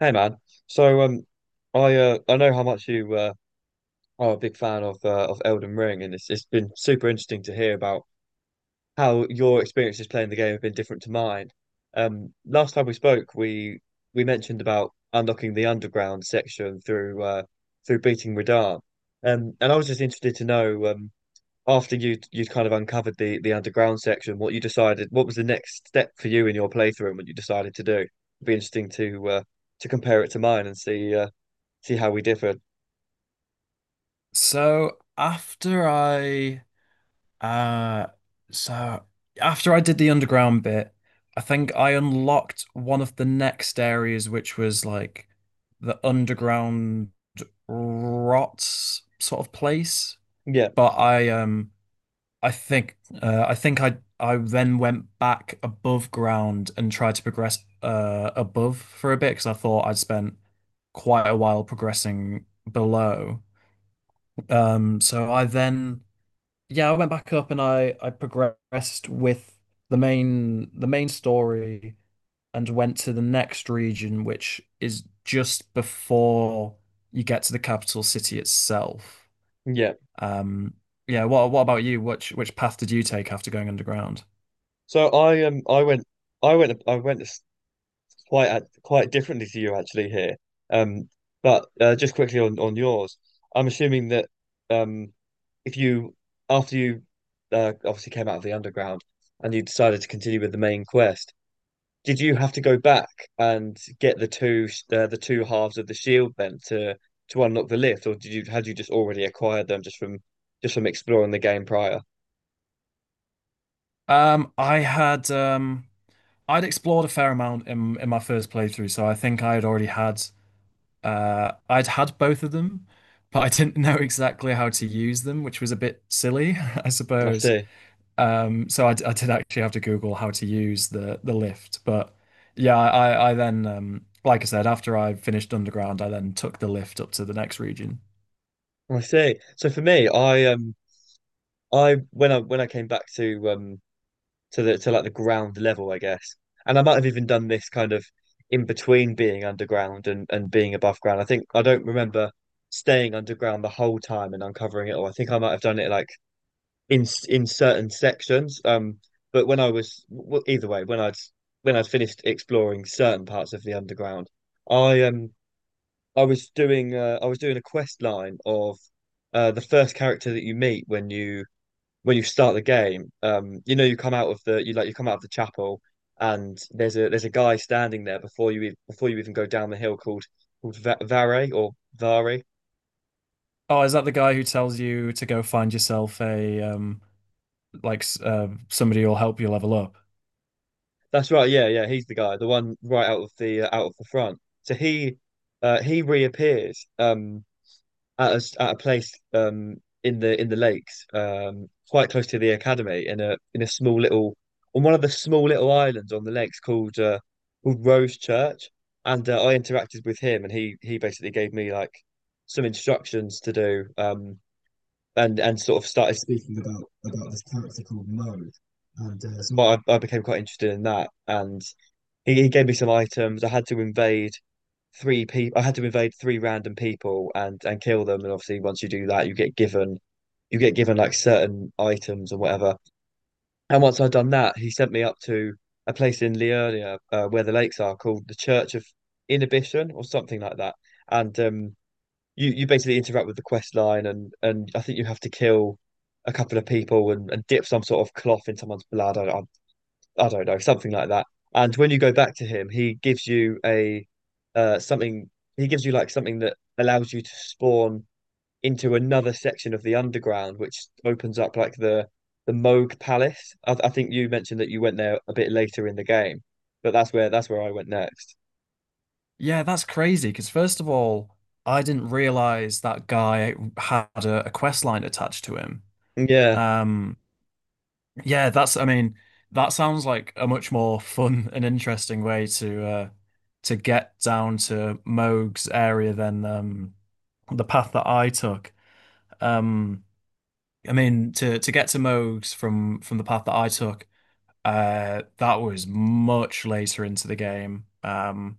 Hey man, so um, I know how much you are a big fan of Elden Ring, and it's been super interesting to hear about how your experiences playing the game have been different to mine. Last time we spoke, we mentioned about unlocking the underground section through through beating Radahn, and I was just interested to know after you would you'd kind of uncovered the underground section, what you decided, what was the next step for you in your playthrough, and what you decided to do. It'd be interesting to compare it to mine and see. See how we differ. So uh so after I did the underground bit, I think I unlocked one of the next areas which was like the underground rot sort of place. Yeah, But I think I then went back above ground and tried to progress above for a bit because I thought I'd spent quite a while progressing below. So I then yeah, I went back up and I progressed with the main story and went to the next region, which is just before you get to the capital city itself. yeah. Um, yeah, what about you? Which path did you take after going underground? So I I went quite differently to you actually here. Um, but just quickly on yours, I'm assuming that um if you after you obviously came out of the underground and you decided to continue with the main quest, did you have to go back and get the the two halves of the shield then to unlock the lift, or did you had you just already acquired them just from exploring the game prior? I had I'd explored a fair amount in my first playthrough, so I think I had already had I'd had both of them, but I didn't know exactly how to use them, which was a bit silly, I I suppose. see. I did actually have to Google how to use the lift, but yeah, I then like I said, after I finished Underground, I then took the lift up to the next region. I see. So for me, I when I came back to the to like the ground level, I guess, and I might have even done this kind of in between being underground and being above ground. I think I don't remember staying underground the whole time and uncovering it all. I think I might have done it like in certain sections. But when I was well, either way, when I'd finished exploring certain parts of the underground, I I was doing a quest line of the first character that you meet when you start the game. You know, you come out of the you come out of the chapel, and there's a guy standing there before you even go down the hill called Va Vare or Vare. Oh, is that the guy who tells you to go find yourself a somebody who'll help you level up? That's right. Yeah, yeah. He's the guy, the one right out of the front. So he reappears. At at a place in the lakes quite close to the academy in a small little on one of the small little islands on the lakes called called Rose Church and I interacted with him and he basically gave me like some instructions to do and sort of started speaking about this character called Mode and so I became quite interested in that and he gave me some items. I had to invade three people. I had to invade three random people and kill them. And obviously, once you do that, you get given like certain items or whatever. And once I'd done that, he sent me up to a place in Liurnia where the lakes are called the Church of Inhibition or something like that. And you you basically interact with the quest line, and I think you have to kill a couple of people, and dip some sort of cloth in someone's blood. I don't know, something like that. And when you go back to him, he gives you a something he gives you like something that allows you to spawn into another section of the underground, which opens up like the Moog Palace. I think you mentioned that you went there a bit later in the game, but that's where I went next. Yeah, that's crazy. Because first of all, I didn't realize that guy had a quest line attached to him. Yeah, Um, yeah, that's. I mean, that sounds like a much more fun and interesting way to get down to Moog's area than the path that I took. Um, I mean, to get to Moog's from the path that I took, that was much later into the game.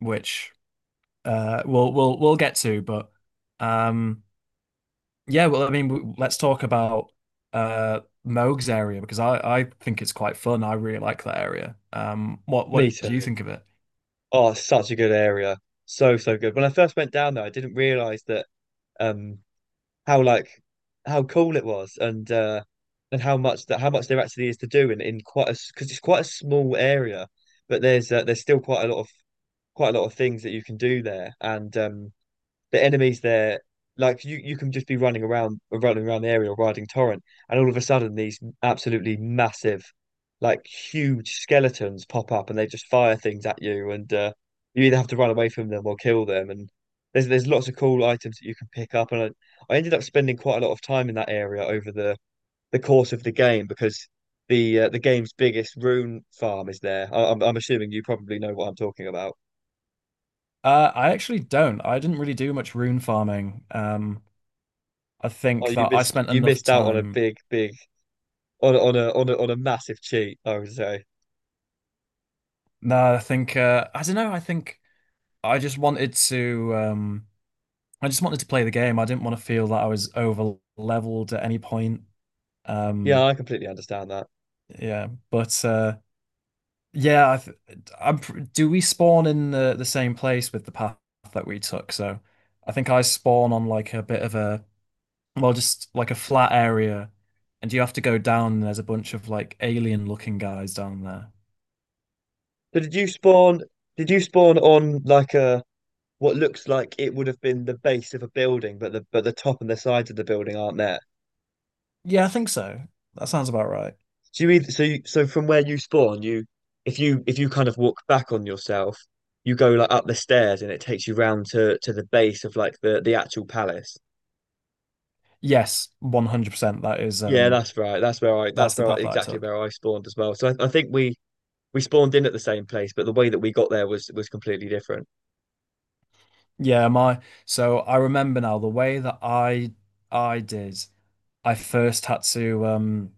Which. We'll get to, but um yeah, well I mean let's talk about uh Moog's area because I think it's quite fun. I really like that area. What me too. do you think of it? Oh, it's such a good area. So, so good. When I first went down there, I didn't realize that um how like how cool it was and how much that how much there actually is to do in quite a because it's quite a small area but there's still quite a lot of things that you can do there and the enemies there, like you can just be running around the area, or riding torrent, and all of a sudden these absolutely massive, like huge skeletons pop up, and they just fire things at you, and you either have to run away from them or kill them. And there's lots of cool items that you can pick up, and I ended up spending quite a lot of time in that area over the course of the game because. The game's biggest rune farm is there. I'm assuming you probably know what I'm talking about. Uh, I actually don't. I didn't really do much rune farming. I think Oh, that I spent you enough missed out on a time. big, big on a massive cheat, I would say. No, I think I don't know. I think I just wanted to I just wanted to play the game. I didn't want to feel that I was over leveled at any point. Yeah, Um I completely understand that. yeah, but yeah, Do we spawn in the same place with the path that we took? So, I think I spawn on like a bit of a well, just like a flat area, and you have to go down. And there's a bunch of like alien looking guys down there. So did you spawn on like a what looks like it would have been the base of a building, but the top and the sides of the building aren't there? Yeah, I think so. That sounds about right. So you either, so you, so from where you spawn, you if you kind of walk back on yourself, you go like up the stairs and it takes you round to the base of like the actual palace. Yes, 100%. That is Yeah, that's right. That's That's the where path that I exactly took. where I spawned as well. So I think we spawned in at the same place, but the way that we got there was completely different. Yeah, my so I remember now the way that I did. I first had um.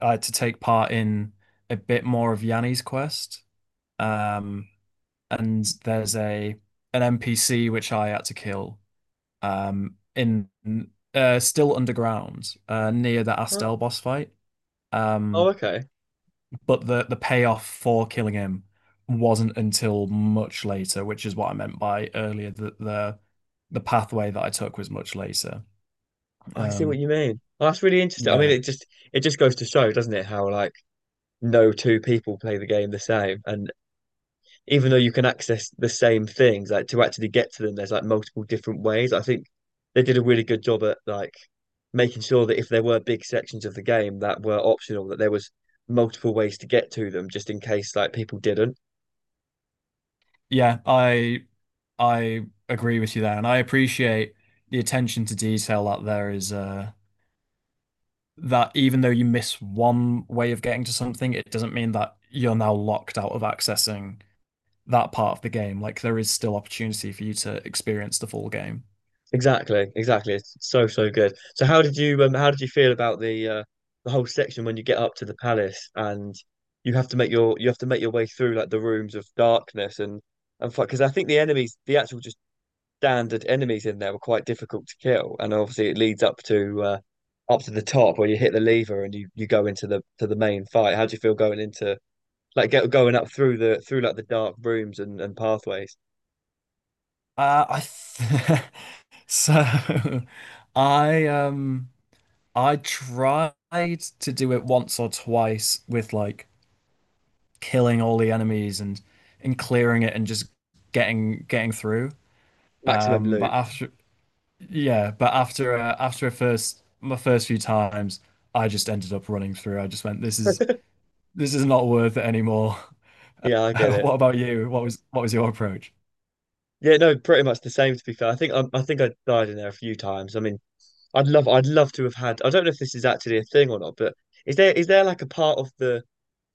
uh, to take part in a bit more of Yanni's quest. Um, and there's a an NPC which I had to kill in still underground near the Oh, Astel boss fight. oh, Um, okay. but the payoff for killing him wasn't until much later, which is what I meant by earlier that the pathway that I took was much later. Oh, I see what Um, you mean. Oh, that's really interesting. I mean, yeah, it just goes to show, doesn't it, how like no two people play the game the same. And even though you can access the same things, like to actually get to them, there's like multiple different ways. I think they did a really good job at like making sure that if there were big sections of the game that were optional, that there was multiple ways to get to them, just in case like people didn't. Yeah, I agree with you there, and I appreciate the attention to detail that there is that even though you miss one way of getting to something, it doesn't mean that you're now locked out of accessing that part of the game. Like there is still opportunity for you to experience the full game. Exactly, exactly. It's so so good. So how did you feel about the whole section when you get up to the palace and you have to make your way through like the rooms of darkness and because I think the actual just standard enemies in there were quite difficult to kill and obviously it leads up to up to the top where you hit the lever and you go into the to the main fight. How do you feel going into like going up through the through like the dark rooms and pathways? I th so I um I tried to do it once or twice with like killing all the enemies and clearing it and just getting through. Maximum But loot. after Yeah, but after after a first my first few times, I just ended up running through. I just went, this is not worth it anymore. Yeah, I get it. What about you? What was your approach? Yeah, no, pretty much the same to be fair. I think I died in there a few times. I mean, I'd love to have had I don't know if this is actually a thing or not, but is there like a part of the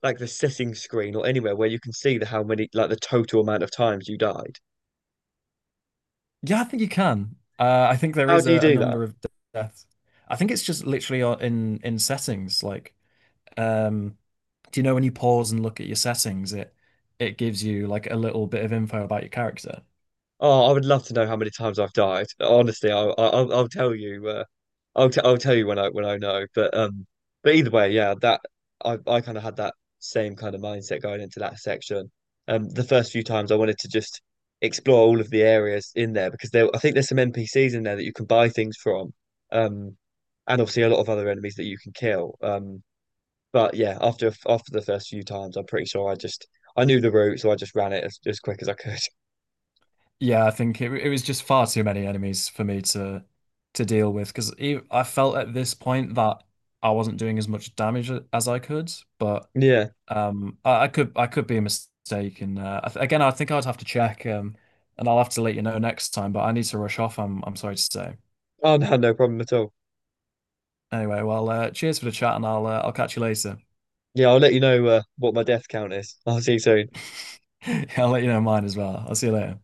like the setting screen or anywhere where you can see the how many like the total amount of times you died? Yeah, I think you can. I think there How is do you a do that? number of deaths. I think it's just literally in settings. Like, um, do you know when you pause and look at your settings, it gives you like a little bit of info about your character. Oh, I would love to know how many times I've died. Honestly, I'll tell you. I'll tell you when I know. But either way, yeah, that I kind of had that same kind of mindset going into that section. The first few times I wanted to just explore all of the areas in there because there I think there's some NPCs in there that you can buy things from. Um, and obviously a lot of other enemies that you can kill. But yeah, after the first few times, I'm pretty sure I knew the route, so I just ran it as quick as I could. Yeah, I think it was just far too many enemies for me to deal with because I felt at this point that I wasn't doing as much damage as I could, but. Yeah. I could be mistaken. I th Again, I think I'd have to check, and I'll have to let you know next time. But I need to rush off. I'm sorry to say. Oh no, no problem at all. Anyway, well, cheers for the chat, and I'll catch you later. Yeah, I'll let you know what my death count is. I'll see you soon. I'll let you know mine as well. I'll see you later.